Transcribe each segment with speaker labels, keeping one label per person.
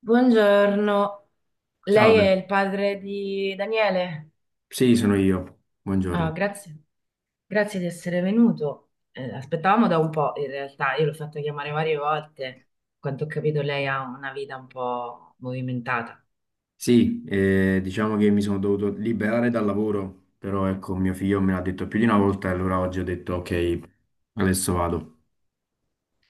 Speaker 1: Buongiorno, lei
Speaker 2: Salve,
Speaker 1: è il padre di Daniele?
Speaker 2: sì, sono io.
Speaker 1: Ah,
Speaker 2: Buongiorno.
Speaker 1: grazie, grazie di essere venuto. Aspettavamo da un po', in realtà, io l'ho fatto chiamare varie volte. Quanto ho capito, lei ha una vita un po' movimentata.
Speaker 2: Sì, diciamo che mi sono dovuto liberare dal lavoro, però ecco, mio figlio me l'ha detto più di una volta e allora oggi ho detto ok, adesso vado.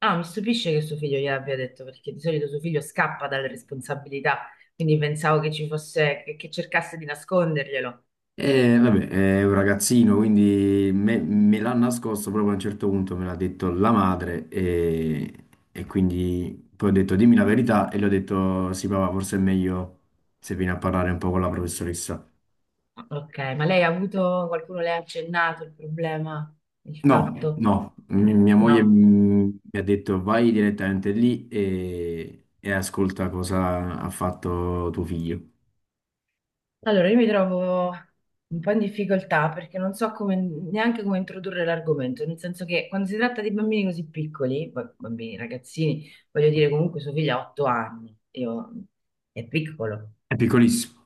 Speaker 1: Ah, mi stupisce che suo figlio gliel'abbia detto, perché di solito suo figlio scappa dalle responsabilità, quindi pensavo che ci fosse, che cercasse di nasconderglielo.
Speaker 2: E vabbè, è un ragazzino, quindi me l'ha nascosto proprio a un certo punto, me l'ha detto la madre e quindi poi ho detto dimmi la verità e gli ho detto sì papà, forse è meglio se vieni a parlare un po' con la professoressa.
Speaker 1: Ok, ma lei ha avuto, qualcuno le ha accennato il problema, il
Speaker 2: No,
Speaker 1: fatto?
Speaker 2: no, mia moglie,
Speaker 1: No.
Speaker 2: mi ha detto vai direttamente lì e ascolta cosa ha fatto tuo figlio.
Speaker 1: Allora, io mi trovo un po' in difficoltà perché non so come- neanche come introdurre l'argomento, nel senso che quando si tratta di bambini così piccoli, bambini, ragazzini, voglio dire comunque suo figlio ha otto anni, io- è piccolo.
Speaker 2: È piccolissimo.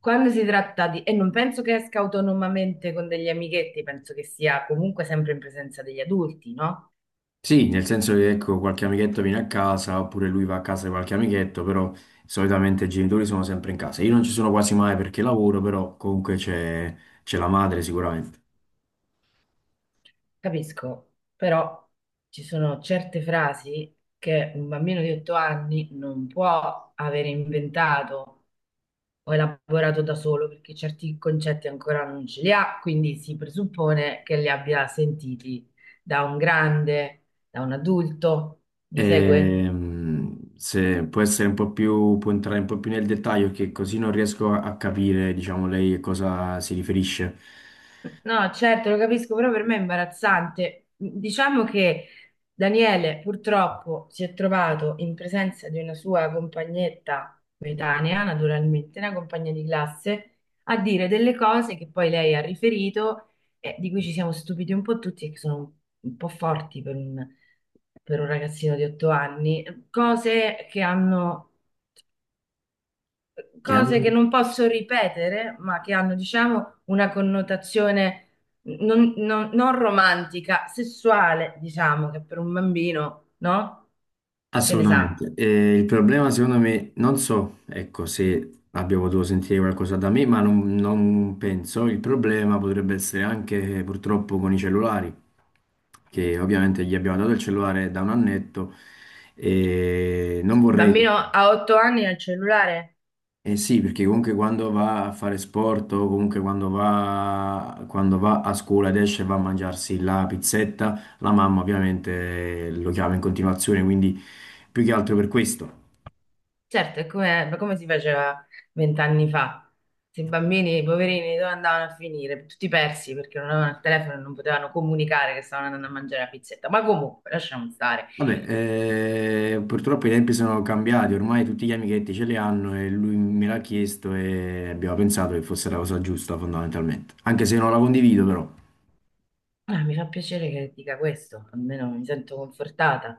Speaker 1: Quando si tratta di... e non penso che esca autonomamente con degli amichetti, penso che sia comunque sempre in presenza degli adulti, no?
Speaker 2: Sì, nel senso che ecco, qualche amichetto viene a casa oppure lui va a casa di qualche amichetto, però solitamente i genitori sono sempre in casa. Io non ci sono quasi mai perché lavoro, però comunque c'è la madre sicuramente.
Speaker 1: Capisco, però ci sono certe frasi che un bambino di otto anni non può aver inventato ho elaborato da solo perché certi concetti ancora non ce li ha, quindi si presuppone che li abbia sentiti da un grande, da un adulto. Mi segue?
Speaker 2: Se può essere un po' più, può entrare un po' più nel dettaglio, che così non riesco a capire, diciamo, lei a cosa si riferisce.
Speaker 1: No, certo, lo capisco, però per me è imbarazzante. Diciamo che Daniele purtroppo si è trovato in presenza di una sua compagnetta coetanea, naturalmente, una compagna di classe, a dire delle cose che poi lei ha riferito e di cui ci siamo stupiti un po' tutti e che sono un po' forti per per un ragazzino di otto anni, cose che hanno cose che
Speaker 2: Chiaro?
Speaker 1: non posso ripetere, ma che hanno, diciamo, una connotazione non romantica, sessuale, diciamo, che per un bambino, no? Che ne sa?
Speaker 2: Assolutamente. E il problema, secondo me, non so, ecco, se abbia potuto sentire qualcosa da me, ma non penso. Il problema potrebbe essere anche purtroppo con i cellulari, che ovviamente gli abbiamo dato il cellulare da un annetto e non
Speaker 1: Cioè, il
Speaker 2: vorrei.
Speaker 1: bambino
Speaker 2: Mm.
Speaker 1: a otto anni ha il cellulare?
Speaker 2: Eh sì, perché comunque quando va a fare sport o comunque quando va a scuola ed esce e va a mangiarsi la pizzetta, la mamma ovviamente lo chiama in continuazione, quindi più che altro per questo.
Speaker 1: Certo, è come, ma come si faceva vent'anni fa? Se i bambini, i poverini, dove andavano a finire? Tutti persi perché non avevano il telefono e non potevano comunicare che stavano andando a mangiare la pizzetta. Ma comunque, lasciamo stare.
Speaker 2: Vabbè, purtroppo i tempi sono cambiati, ormai tutti gli amichetti ce li hanno e lui me l'ha chiesto e abbiamo pensato che fosse la cosa giusta fondamentalmente, anche se non la condivido però.
Speaker 1: Ah, mi fa piacere che dica questo, almeno mi sento confortata.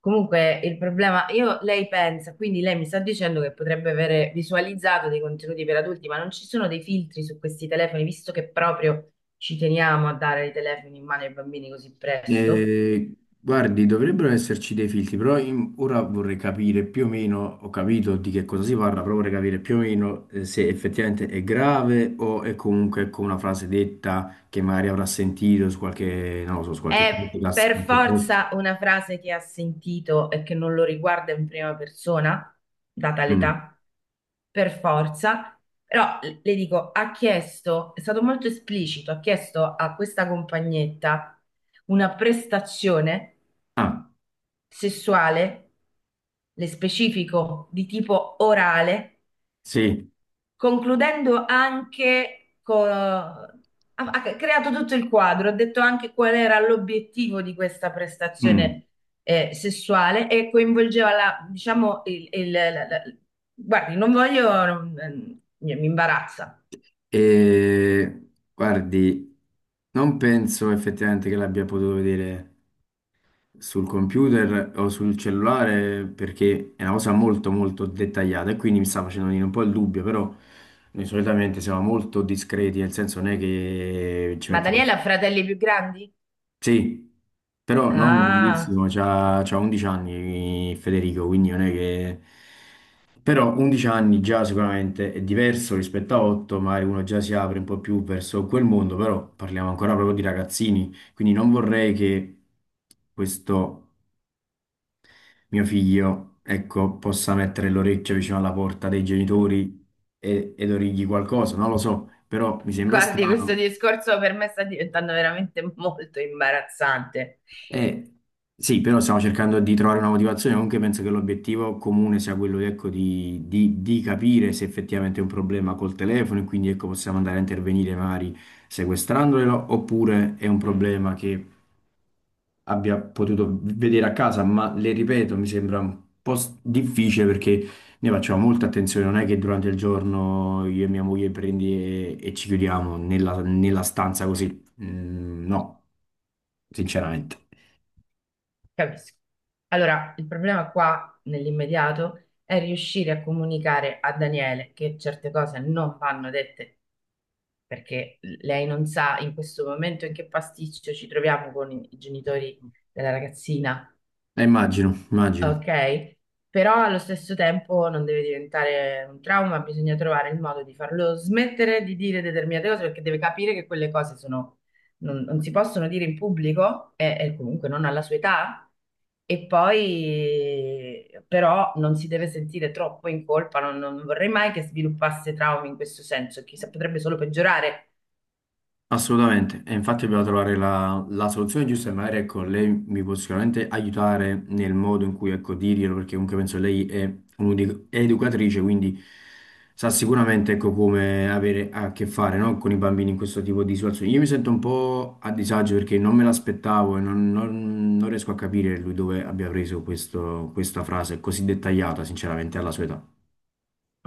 Speaker 1: Comunque il problema, io, lei pensa, quindi lei mi sta dicendo che potrebbe avere visualizzato dei contenuti per adulti, ma non ci sono dei filtri su questi telefoni, visto che proprio ci teniamo a dare i telefoni in mano ai bambini così presto.
Speaker 2: Guardi, dovrebbero esserci dei filtri, però ora vorrei capire più o meno, ho capito di che cosa si parla, però vorrei capire più o meno se effettivamente è grave o è comunque ecco, una frase detta che magari avrà sentito su qualche, non lo so, su qualche
Speaker 1: È
Speaker 2: podcast, su
Speaker 1: per
Speaker 2: qualche post.
Speaker 1: forza una frase che ha sentito e che non lo riguarda in prima persona, data
Speaker 2: Mm.
Speaker 1: l'età, per forza. Però le dico, ha chiesto, è stato molto esplicito, ha chiesto a questa compagnetta una prestazione
Speaker 2: Ah,
Speaker 1: sessuale, le specifico di tipo orale,
Speaker 2: sì.
Speaker 1: concludendo anche con... Ha creato tutto il quadro, ha detto anche qual era l'obiettivo di questa
Speaker 2: Mm.
Speaker 1: prestazione sessuale e coinvolgeva la, diciamo, guardi, non voglio, non- mi imbarazza,
Speaker 2: Eh, guardi, non penso effettivamente che l'abbia potuto vedere sul computer o sul cellulare, perché è una cosa molto molto dettagliata e quindi mi sta facendo venire un po' il dubbio, però noi solitamente siamo molto discreti, nel senso non è che ci
Speaker 1: ma
Speaker 2: mettiamo...
Speaker 1: Daniela ha fratelli più grandi?
Speaker 2: Sì, però non
Speaker 1: Ah,
Speaker 2: grandissimo, c'ha 11 anni Federico, quindi non è che... Però 11 anni già sicuramente è diverso rispetto a 8, magari uno già si apre un po' più verso quel mondo, però parliamo ancora proprio di ragazzini, quindi non vorrei che questo mio figlio, ecco, possa mettere l'orecchio vicino alla porta dei genitori ed origli qualcosa, non lo so, però mi sembra
Speaker 1: guardi, questo
Speaker 2: strano.
Speaker 1: discorso per me sta diventando veramente molto imbarazzante.
Speaker 2: Eh, sì, però stiamo cercando di trovare una motivazione, comunque penso che l'obiettivo comune sia quello, ecco, di capire se effettivamente è un problema col telefono e quindi, ecco, possiamo andare a intervenire magari sequestrandolo, oppure è un problema che abbia potuto vedere a casa, ma le ripeto, mi sembra un po' difficile perché noi facciamo molta attenzione, non è che durante il giorno io e mia moglie prendi e ci chiudiamo nella, nella stanza così. Mm, no, sinceramente.
Speaker 1: Capisco. Allora, il problema qua nell'immediato è riuscire a comunicare a Daniele che certe cose non vanno dette perché lei non sa in questo momento in che pasticcio ci troviamo con i genitori della ragazzina,
Speaker 2: Immagino, immagino.
Speaker 1: ok? Però allo stesso tempo non deve diventare un trauma, bisogna trovare il modo di farlo smettere di dire determinate cose perché deve capire che quelle cose sono, non si possono dire in pubblico e comunque non alla sua età e poi però non si deve sentire troppo in colpa, non vorrei mai che sviluppasse traumi in questo senso, chissà, potrebbe solo peggiorare.
Speaker 2: Assolutamente, e infatti dobbiamo trovare la soluzione giusta e magari ecco, lei mi può sicuramente aiutare nel modo in cui ecco, dirglielo, perché comunque penso lei è un'educatrice, quindi sa sicuramente ecco, come avere a che fare no, con i bambini in questo tipo di situazioni. Io mi sento un po' a disagio perché non me l'aspettavo e non riesco a capire lui dove abbia preso questa frase così dettagliata, sinceramente, alla sua età.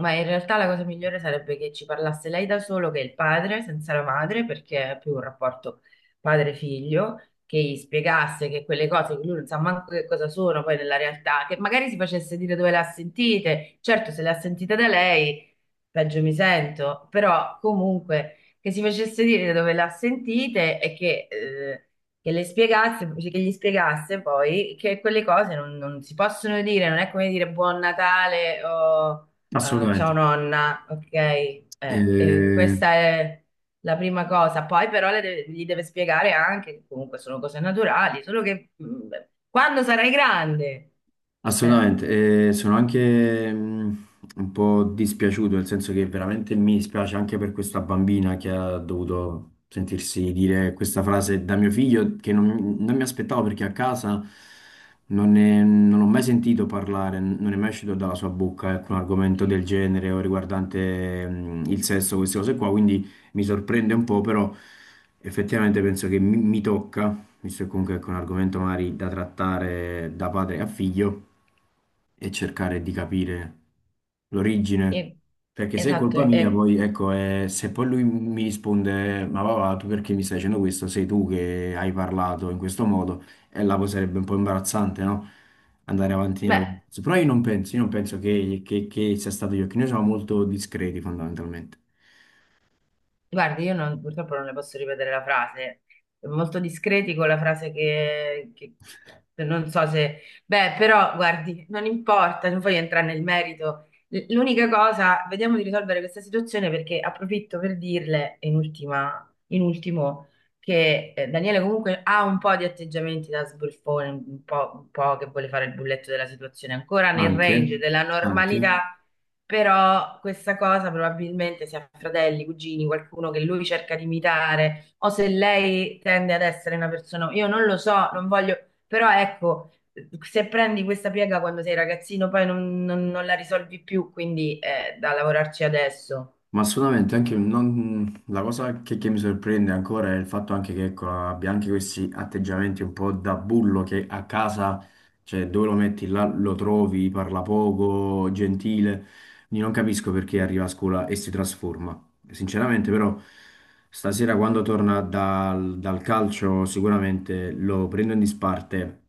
Speaker 1: Ma in realtà la cosa migliore sarebbe che ci parlasse lei da solo, che è il padre, senza la madre, perché è più un rapporto padre-figlio, che gli spiegasse che quelle cose che lui non sa manco che cosa sono poi nella realtà, che magari si facesse dire dove le ha sentite. Certo, se le ha sentite da lei, peggio mi sento, però comunque che si facesse dire dove le ha sentite e che le spiegasse, che gli spiegasse poi che quelle cose non si possono dire, non è come dire buon Natale o
Speaker 2: Assolutamente.
Speaker 1: ciao nonna, ok,
Speaker 2: Eh,
Speaker 1: questa è la prima cosa. Poi però gli deve spiegare anche che comunque sono cose naturali, solo che mm, quando sarai grande. Eh,
Speaker 2: Assolutamente, e sono anche un po' dispiaciuto, nel senso che veramente mi dispiace anche per questa bambina che ha dovuto sentirsi dire questa frase da mio figlio, che non mi aspettavo perché a casa non ho mai sentito parlare, non è mai uscito dalla sua bocca alcun argomento del genere o riguardante il sesso, queste cose qua, quindi mi sorprende un po', però effettivamente penso che mi tocca, visto che comunque è un argomento magari da trattare da padre a figlio, e cercare di capire l'origine.
Speaker 1: sì,
Speaker 2: Perché se è
Speaker 1: esatto.
Speaker 2: colpa mia, poi ecco, se poi lui mi risponde, ma papà, tu perché mi stai dicendo questo? Sei tu che hai parlato in questo modo, e là poi sarebbe un po' imbarazzante, no? Andare avanti nella
Speaker 1: Beh,
Speaker 2: conversazione. Però io non penso che sia stato io, che noi siamo molto discreti fondamentalmente.
Speaker 1: guardi, io non- purtroppo non le posso ripetere la frase, è molto discreti con la frase non so se... Beh, però, guardi, non importa, non voglio entrare nel merito. L'unica cosa, vediamo di risolvere questa situazione perché approfitto per dirle, in ultima, in ultimo, che Daniele comunque ha un po' di atteggiamenti da sbruffone, un po' che vuole fare il bulletto della situazione, ancora nel range
Speaker 2: Anche,
Speaker 1: della
Speaker 2: anche.
Speaker 1: normalità, però questa cosa probabilmente sia fratelli, cugini, qualcuno che lui cerca di imitare, o se lei tende ad essere una persona, io non lo so, non voglio, però ecco, se prendi questa piega quando sei ragazzino, poi non la risolvi più, quindi è da lavorarci adesso.
Speaker 2: Ma assolutamente, anche non- la cosa che mi sorprende ancora è il fatto anche che ecco, abbia anche questi atteggiamenti un po' da bullo, che a casa, cioè dove lo metti là lo trovi, parla poco, gentile. Quindi non capisco perché arriva a scuola e si trasforma. Sinceramente, però, stasera quando torna dal calcio, sicuramente lo prendo in disparte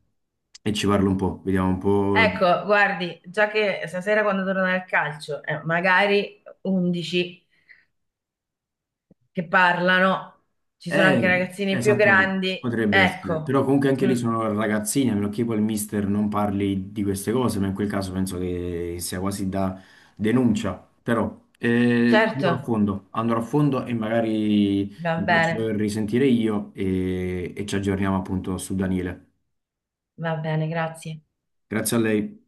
Speaker 2: e ci parlo un po', vediamo un po'.
Speaker 1: Ecco, guardi, già che stasera quando torna al calcio, magari 11 che parlano, ci sono
Speaker 2: Eh,
Speaker 1: anche ragazzini più
Speaker 2: esattamente,
Speaker 1: grandi,
Speaker 2: potrebbe essere,
Speaker 1: ecco,
Speaker 2: però comunque anche lì
Speaker 1: mm,
Speaker 2: sono ragazzini, a meno che poi il mister non parli di queste cose, ma in quel caso penso che sia quasi da denuncia, però
Speaker 1: certo,
Speaker 2: andrò a fondo e magari
Speaker 1: va
Speaker 2: mi faccio
Speaker 1: bene.
Speaker 2: risentire io e ci aggiorniamo appunto su Daniele.
Speaker 1: Va bene, grazie.
Speaker 2: Grazie a lei.